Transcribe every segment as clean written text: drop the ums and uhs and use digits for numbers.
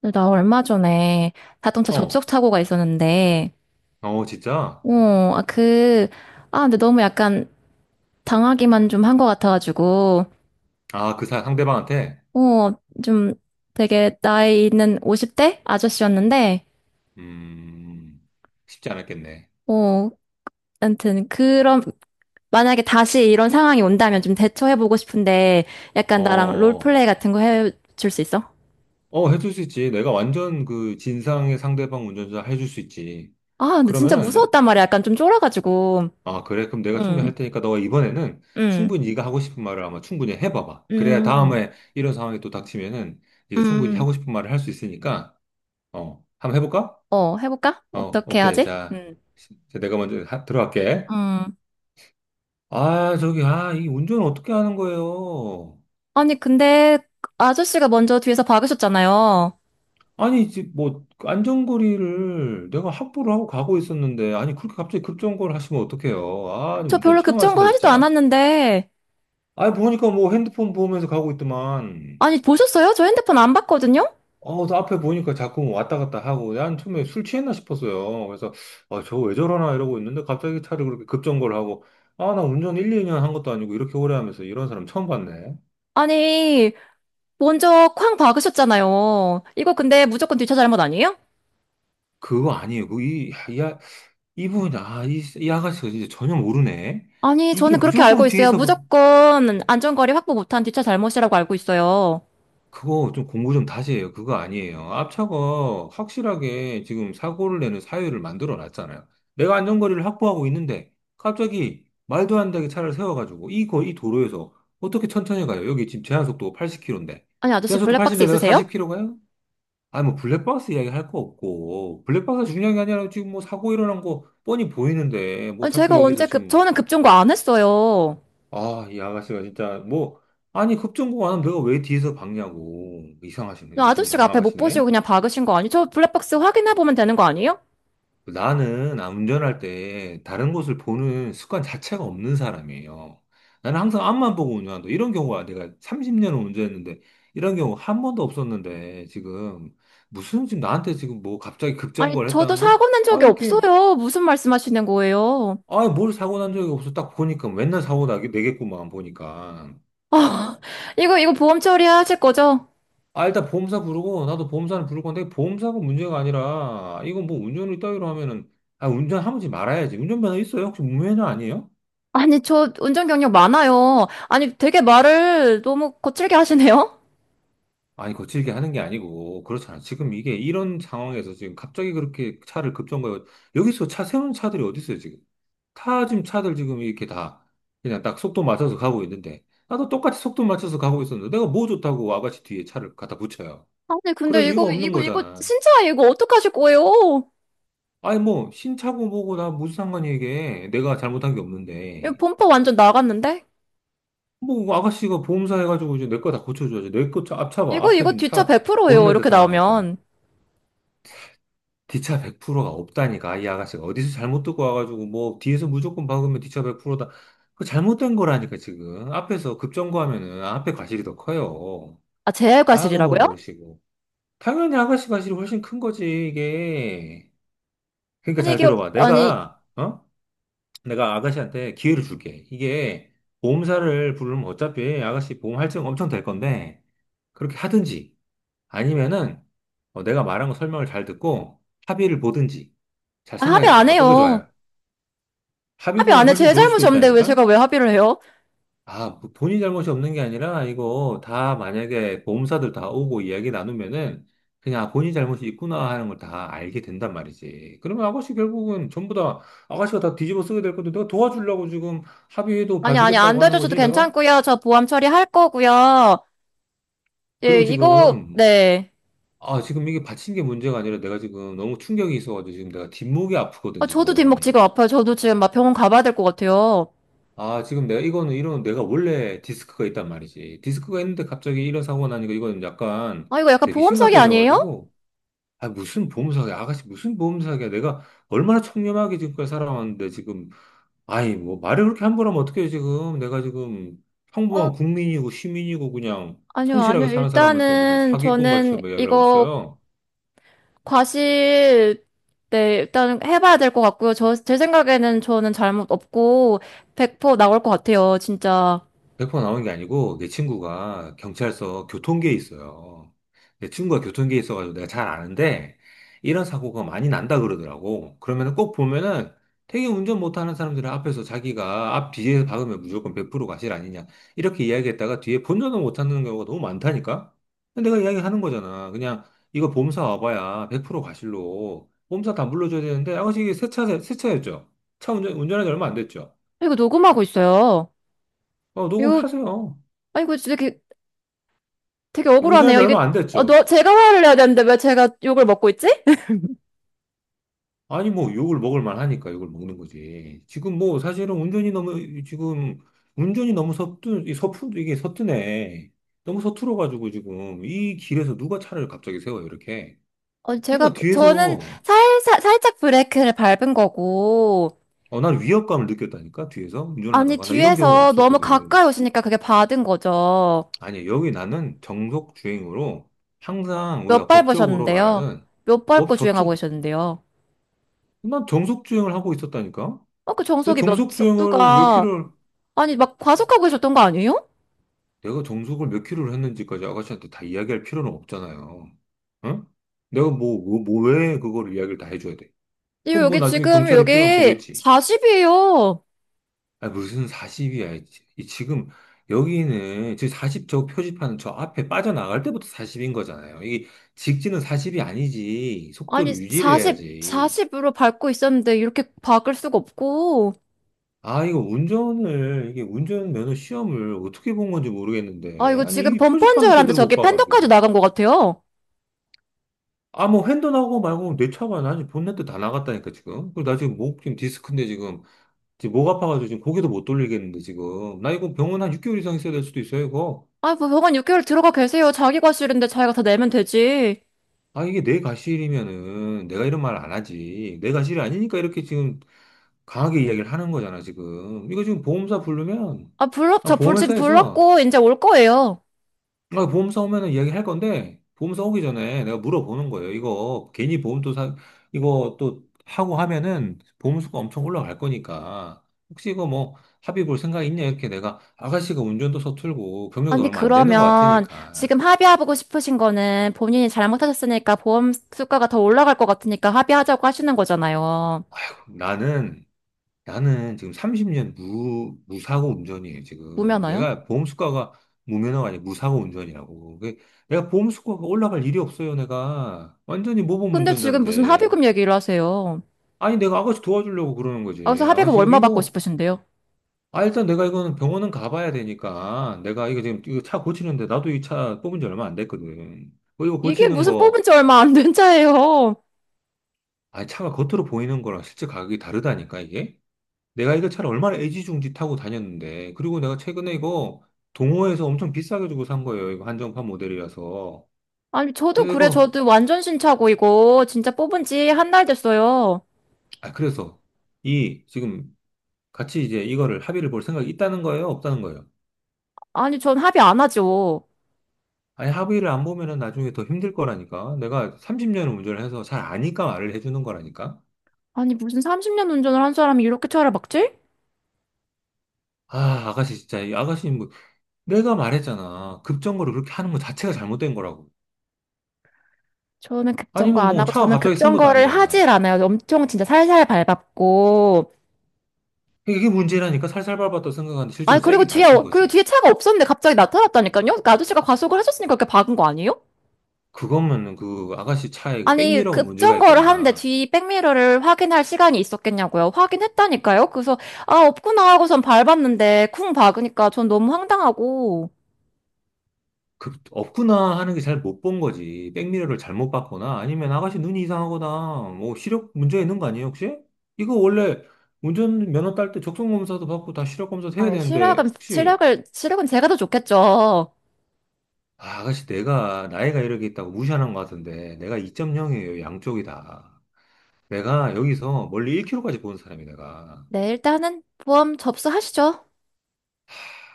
근데 나 얼마 전에 자동차 어, 접속 사고가 있었는데, 어, 진짜? 어, 아, 그, 아, 근데 너무 약간 당하기만 좀 한 것 같아가지고, 아, 상대방한테? 어, 좀 되게 나이 있는 50대 아저씨였는데, 음, 쉽지 않았겠네. 어, 아무튼 그런, 만약에 다시 이런 상황이 온다면 좀 대처해보고 싶은데, 어, 약간 나랑 어, 롤플레이 같은 거 해줄 수 있어? 해줄 수 있지. 내가 완전 그 진상의 상대방 운전자 해줄 수 있지. 아, 근데 진짜 그러면은, 내- 무서웠단 말이야. 약간 좀 쫄아가지고. 아, 그래. 그럼 내가 충분히 응. 할 테니까 너 이번에는 응. 충분히 네가 하고 싶은 말을 아마 충분히 해봐봐. 그래야 음. 다음에 이런 상황이 또 닥치면은 네가 충분히 음. 하고 싶은 말을 할 수 있으니까, 어, 한번 해볼까? 어, 해볼까? 어, 어떻게 오케이. 하지? 자, 음. 내가 먼저 들어갈게. 음. 아, 저기, 아, 이 운전 어떻게 하는 거예요? 아니, 근데 아저씨가 먼저 뒤에서 박으셨잖아요. 아니, 이제 뭐, 안전거리를 내가 확보를 하고 가고 있었는데, 아니, 그렇게 갑자기 급정거를 하시면 어떡해요. 아, 니 저 운전 별로 처음 급정거 하시네, 하지도 진짜. 않았는데. 아, 보니까 뭐 핸드폰 보면서 가고 있더만, 아니, 보셨어요? 저 핸드폰 안 봤거든요? 어, 또 앞에 보니까 자꾸 뭐 왔다 갔다 하고, 난 처음에 술 취했나 싶었어요. 그래서, 아, 저 왜 저러나 이러고 있는데, 갑자기 차를 그렇게 급정거를 하고, 아, 나 운전 1, 2년 한 것도 아니고, 이렇게 오래 하면서 이런 사람 처음 봤네. 아니, 먼저 쾅 박으셨잖아요. 이거 근데 무조건 뒷차 잘못 아니에요? 그거 아니에요. 야, 이 아가씨가 진짜 전혀 모르네. 아니, 이게 저는 그렇게 무조건 알고 있어요. 뒤에서 무조건 안전거리 확보 못한 뒷차 잘못이라고 알고 있어요. 그거 좀 공부 좀 다시 해요. 그거 아니에요. 앞차가 확실하게 지금 사고를 내는 사유를 만들어 놨잖아요. 내가 안전거리를 확보하고 있는데 갑자기 말도 안 되게 차를 세워가지고 이 도로에서 어떻게 천천히 가요? 여기 지금 제한속도 80km인데. 아니, 아저씨 제한속도 블랙박스 80인데 내가 있으세요? 40km 가요? 아니 뭐 블랙박스 이야기 할 거 없고 블랙박스가 중요한 게 아니라 지금 뭐 사고 일어난 거 뻔히 보이는데 뭐 아니, 자꾸 제가 여기서 언제 지금 저는 급정거 안 했어요. 아, 이 아가씨가 진짜 뭐 아니 급전공 안 하면 내가 왜 뒤에서 박냐고 이상하시네 아저씨가 이상한 앞에 못 보시고 아가씨네. 그냥 박으신 거 아니에요? 저 블랙박스 확인해보면 되는 거 아니에요? 나는 아, 운전할 때 다른 곳을 보는 습관 자체가 없는 사람이에요. 나는 항상 앞만 보고 운전한다. 이런 경우가 내가 30년을 운전했는데 이런 경우 한 번도 없었는데 지금 무슨 지금 나한테 지금 뭐 갑자기 아니, 급정거를 저도 했다는데 사고 낸 아 적이 이렇게 없어요. 무슨 말씀하시는 거예요? 아 뭘 사고 난 적이 없어 딱 보니까 맨날 사고 나게 되겠구만 보니까 아, 이거, 이거 보험 처리하실 거죠? 아, 일단 보험사 부르고, 나도 보험사는 부를 건데, 보험사가 문제가 아니라, 이거 뭐 운전을 따위로 하면은, 아, 운전하지 말아야지. 운전면허 있어요? 혹시 무면허 아니에요? 아니, 저 운전 경력 많아요. 아니, 되게 말을 너무 거칠게 하시네요? 아니, 거칠게 하는 게 아니고, 그렇잖아. 지금 이게 이런 상황에서 지금 갑자기 그렇게 차를 급정거해. 여기서 차 세우는 차들이 어디 있어요, 지금? 타 지금 차들 지금 이렇게 다 그냥 딱 속도 맞춰서 가고 있는데, 나도 똑같이 속도 맞춰서 가고 있었는데, 내가 뭐 좋다고 와같이 뒤에 차를 갖다 붙여요. 아니, 근데 그럴 이거, 이유가 없는 이거, 이거, 거잖아. 진짜 이거 어떡하실 거예요? 아니 뭐 신차고 뭐고 나 무슨 상관이 이게 내가 잘못한 게 이거 없는데 범퍼 완전 나갔는데? 뭐 아가씨가 보험사 해가지고 이제 내 거 다 고쳐줘야지 내 거 차 앞차봐 이거, 앞에 이거 지금 뒷차 차 100%예요. 본네트 이렇게 다 나갔잖아 나오면. 뒤차 100%가 없다니까 이 아가씨가 어디서 잘못 듣고 와가지고 뭐 뒤에서 무조건 박으면 뒤차 100%다 그 잘못된 거라니까 지금 앞에서 급정거하면은 앞에 과실이 더 커요 아, 제 아 그걸 과실이라고요? 모르시고 당연히 아가씨 과실이 훨씬 큰 거지 이게 그러니까 아니, 잘 이게, 들어봐 아니, 내가 어? 내가 아가씨한테 기회를 줄게. 이게 보험사를 부르면 어차피 아가씨 보험 할증 엄청 될 건데, 그렇게 하든지, 아니면은 어, 내가 말한 거 설명을 잘 듣고 합의를 보든지, 잘 아, 합의 생각해봐요. 안 어떤 게 해요. 좋아요? 합의 합의 보는 게 안 해. 훨씬 제 좋을 수도 잘못이 없는데 왜 제가 있다니까? 왜 합의를 해요? 아, 뭐 본인 잘못이 없는 게 아니라, 이거 다 만약에 보험사들 다 오고 이야기 나누면은, 그냥 아, 본인 잘못이 있구나 하는 걸 다 알게 된단 말이지. 그러면 아가씨 결국은 전부 다, 아가씨가 다 뒤집어 쓰게 될 건데, 내가 도와주려고 지금 합의해도 아니, 아니, 안 봐주겠다고 하는 되죠. 저도 거지, 내가? 괜찮고요. 저 보험 처리할 거고요. 예, 그리고 이거, 지금, 네. 아, 지금 이게 받친 게 문제가 아니라 내가 지금 너무 충격이 있어가지고 지금 내가 뒷목이 아프거든, 아, 저도 지금. 뒷목지가 아파요. 저도 지금 막 병원 가봐야 될 것 같아요. 아, 지금 내가 이거는 이런, 내가 원래 디스크가 있단 말이지. 디스크가 있는데 갑자기 이런 사고가 나니까 이건 약간 아, 이거 약간 되게 보험 사기 아니에요? 심각해져가지고, 아, 무슨 보험사기야. 아가씨, 무슨 보험사기야. 내가 얼마나 청렴하게 지금까지 살아왔는데, 지금. 아이, 뭐, 말을 그렇게 함부로 하면 어떡해, 지금. 내가 지금 어, 평범한 국민이고, 시민이고, 그냥 아니요, 아니요. 성실하게 사는 사람한테 무슨 일단은 사기꾼 같이 저는 막 이야기를 하고 이거 있어요. 과실, 네, 일단 해봐야 될 것 같고요. 저, 제 생각에는 저는 잘못 없고, 100% 나올 것 같아요, 진짜. 100% 나온 게 아니고 내 친구가 경찰서 교통계에 있어요. 내 친구가 교통계에 있어가지고 내가 잘 아는데 이런 사고가 많이 난다 그러더라고. 그러면 꼭 보면은 되게 운전 못하는 사람들 앞에서 자기가 앞 뒤에서 박으면 무조건 100% 과실 아니냐 이렇게 이야기했다가 뒤에 본전을 못 찾는 경우가 너무 많다니까. 근데 내가 이야기하는 거잖아. 그냥 이거 보험사 와봐야 100% 과실로 보험사 다 물러줘야 되는데 아가씨 이게 새 차, 새 차였죠. 차 운전, 운전한 지 얼마 안 됐죠. 이거 녹음하고 있어요. 어, 이거, 녹음하세요. 아, 이거 되게, 되게 이거 운전한 억울하네요. 지 얼마 이게, 안 어, 너, 됐죠. 제가 화를 내야 되는데 왜 제가 욕을 먹고 있지? 아니, 뭐, 욕을 먹을 만하니까 욕을 먹는 거지. 지금 뭐, 사실은 운전이 너무, 지금, 운전이 너무 서툰, 이 서툰, 이게 서투네. 너무 서툴어가지고 지금, 이 길에서 누가 차를 갑자기 세워요, 이렇게. 어, 제가, 그러니까 저는 뒤에서, 살살, 살짝 브레이크를 밟은 거고, 어, 난 위협감을 느꼈다니까, 뒤에서 운전을 아니, 하다가. 나 이런 경우가 뒤에서 너무 없었거든. 가까이 오시니까 그게 받은 거죠. 아니, 여기 나는 정속 주행으로 항상 몇 우리가 법적으로 밟으셨는데요? 말하는, 몇 법, 밟고 주행하고 법주, 계셨는데요? 난 정속 주행을 하고 있었다니까? 어, 그 내 정속이 몇 정속 주행을 몇 속도가, 킬로, 아니, 막 과속하고 계셨던 거 아니에요? 내가 정석을 몇 킬로를 했는지까지 아가씨한테 다 이야기할 필요는 없잖아요. 응? 내가 뭐 왜 그걸 이야기를 다 해줘야 돼? 이거 그럼 뭐 여기 나중에 지금, 경찰이 필요하면 여기 보겠지. 40이에요. 아, 무슨 40이야. 지금 여기는 지금 40저 표지판 저 앞에 빠져나갈 때부터 40인 거잖아요. 이게 직진은 40이 아니지. 아니, 속도를 유지를 40, 해야지. 40으로 밟고 있었는데, 이렇게 박을 수가 없고, 아, 이거 운전을, 이게 운전면허 시험을 어떻게 본 건지 아, 모르겠는데. 이거 아니, 지금 이 범퍼인 줄 표지판도 알았는데, 제대로 못 저기 팬더까지 봐가지고. 나간 것 같아요. 아, 뭐, 핸드 나오고 말고 내 차가 나 지금 본넷도 다 나갔다니까, 지금. 그리고 나 지금 목, 지금 디스크인데 지금. 지금 목 아파가지고 지금 고개도 못 돌리겠는데, 지금. 나 이거 병원 한 6개월 이상 있어야 될 수도 있어요, 이거. 아, 뭐, 병원 6개월 들어가 계세요. 자기 과실인데 자기가 다 내면 되지. 아, 이게 내 가실이면은 내가 이런 말 안 하지. 내 가실이 아니니까 이렇게 지금 강하게 이야기를 하는 거잖아, 지금. 이거 지금 보험사 부르면, 아, 아, 지금 보험회사에서 불렀고, 이제 올 거예요. 아, 보험사 오면은 이야기할 건데, 보험사 오기 전에 내가 물어보는 거예요. 이거 괜히 이거 또 하고 하면은 보험수가 엄청 올라갈 거니까. 혹시 이거 뭐 합의 볼 생각 있냐? 이렇게 내가 아가씨가 운전도 서툴고 경력도 아니, 얼마 안 되는 것 그러면, 같으니까. 지금 합의하고 싶으신 거는 본인이 잘못하셨으니까 보험 수가가 더 올라갈 것 같으니까 합의하자고 하시는 거잖아요. 나는, 나는 지금 30년 무사고 운전이에요, 지금. 무면허요? 내가 보험수가가 무면허가 아니라 무사고 운전이라고. 그게 내가 보험수가가 올라갈 일이 없어요, 내가. 완전히 모범 근데 지금 무슨 운전자인데. 합의금 얘기를 하세요. 아니, 내가 아가씨 도와주려고 그러는 아, 거지. 그래서 합의금 아가씨 지금 얼마 받고 이거, 싶으신데요? 아, 일단 내가 이거는 병원은 가봐야 되니까, 내가 이거 지금 이거 차 고치는데, 나도 이 차 뽑은 지 얼마 안 됐거든. 어, 이거 이게 고치는 무슨 뽑은 거, 지 얼마 안 된 차예요. 아, 차가 겉으로 보이는 거랑 실제 가격이 다르다니까, 이게? 내가 이거 차를 얼마나 애지중지 타고 다녔는데, 그리고 내가 최근에 이거 동호회에서 엄청 비싸게 주고 산 거예요. 이거 한정판 모델이라서. 아니, 저도 그래서 그래, 이거, 저도 완전 신차고, 이거. 진짜 뽑은 지 한 달 됐어요. 아, 그래서, 이, 지금 같이 이제 이거를 합의를 볼 생각이 있다는 거예요? 없다는 거예요? 아니, 전 합의 안 하죠. 아니, 합의를 안 보면은 나중에 더 힘들 거라니까. 내가 30년을 운전을 해서 잘 아니까 말을 해주는 거라니까. 아니, 무슨 30년 운전을 한 사람이 이렇게 차를 막지? 아, 아가씨, 진짜, 이 아가씨, 뭐, 내가 말했잖아. 급정거를 그렇게 하는 거 자체가 잘못된 거라고. 저는 급정거 아니면 안 뭐, 하고, 차가 저는 갑자기 쓴 것도 급정거를 하질 아니잖아. 않아요. 엄청 진짜 살살 밟았고. 이게 문제라니까 살살 밟았다 생각하는데 실제로 아니, 그리고 세게 뒤에, 밟힌 그리고 뒤에 거지. 차가 없었는데 갑자기 나타났다니까요? 그 아저씨가 과속을 하셨으니까 그렇게 박은 거 아니에요? 그거면 그 아가씨 차에 그 아니, 백미러가 문제가 급정거를 하는데 있거나, 뒤 백미러를 확인할 시간이 있었겠냐고요? 확인했다니까요? 그래서, 아, 없구나 하고선 밟았는데, 쿵 박으니까 전 너무 황당하고. 그, 없구나 하는 게 잘 못 본 거지. 백미러를 잘못 봤거나 아니면 아가씨 눈이 이상하거나 뭐 시력 문제 있는 거 아니에요, 혹시? 이거 원래 운전면허 딸 때 적성검사도 받고 다 시력검사도 해야 아니, 되는데 혹시 실력은 제가 더 좋겠죠. 아, 아가씨 내가 나이가 이렇게 있다고 무시하는 것 같은데 내가 2.0이에요, 양쪽이 다. 내가 여기서 멀리 1km까지 보는 사람이 내가. 네, 일단은 보험 접수하시죠.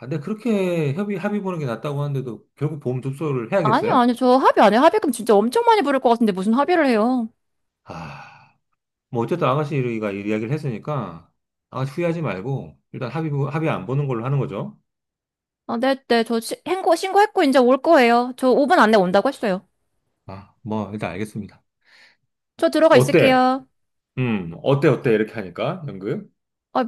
아, 근데 그렇게 협의, 합의 보는 게 낫다고 하는데도 결국 보험 접수를 아니요, 해야겠어요? 아니요. 저 합의 안 해요. 합의금 진짜 엄청 많이 부를 것 같은데 무슨 합의를 해요? 아. 뭐 어쨌든 아가씨가 이 이야기를 했으니까 아가씨 후회하지 말고 일단 합의 합의 안 보는 걸로 하는 거죠. 아, 네, 네. 저 신고했고 이제 올 거예요. 저 5분 안에 온다고 했어요. 아, 뭐 일단 알겠습니다. 저 들어가 어때? 있을게요. 이렇게 하니까 연극? 아,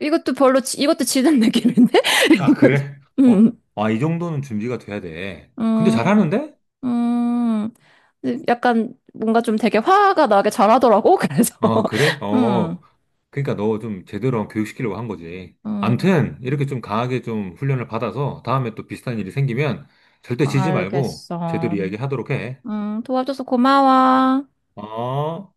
이것도 별로, 이것도 지는 느낌인데? 아, 그래? 어, 음, 아, 이 정도는 준비가 돼야 돼. 근데 음, 잘하는데? 음. 근데 약간 뭔가 좀 되게 화가 나게 잘하더라고. 그래서, 어, 그래? 음, 어, 그러니까 너 좀 제대로 교육시키려고 한 거지. 음. 암튼 이렇게 좀 강하게 좀 훈련을 받아서 다음에 또 비슷한 일이 생기면 절대 지지 말고 제대로 알겠어. 이야기하도록 해. 도와줘서 고마워. 어?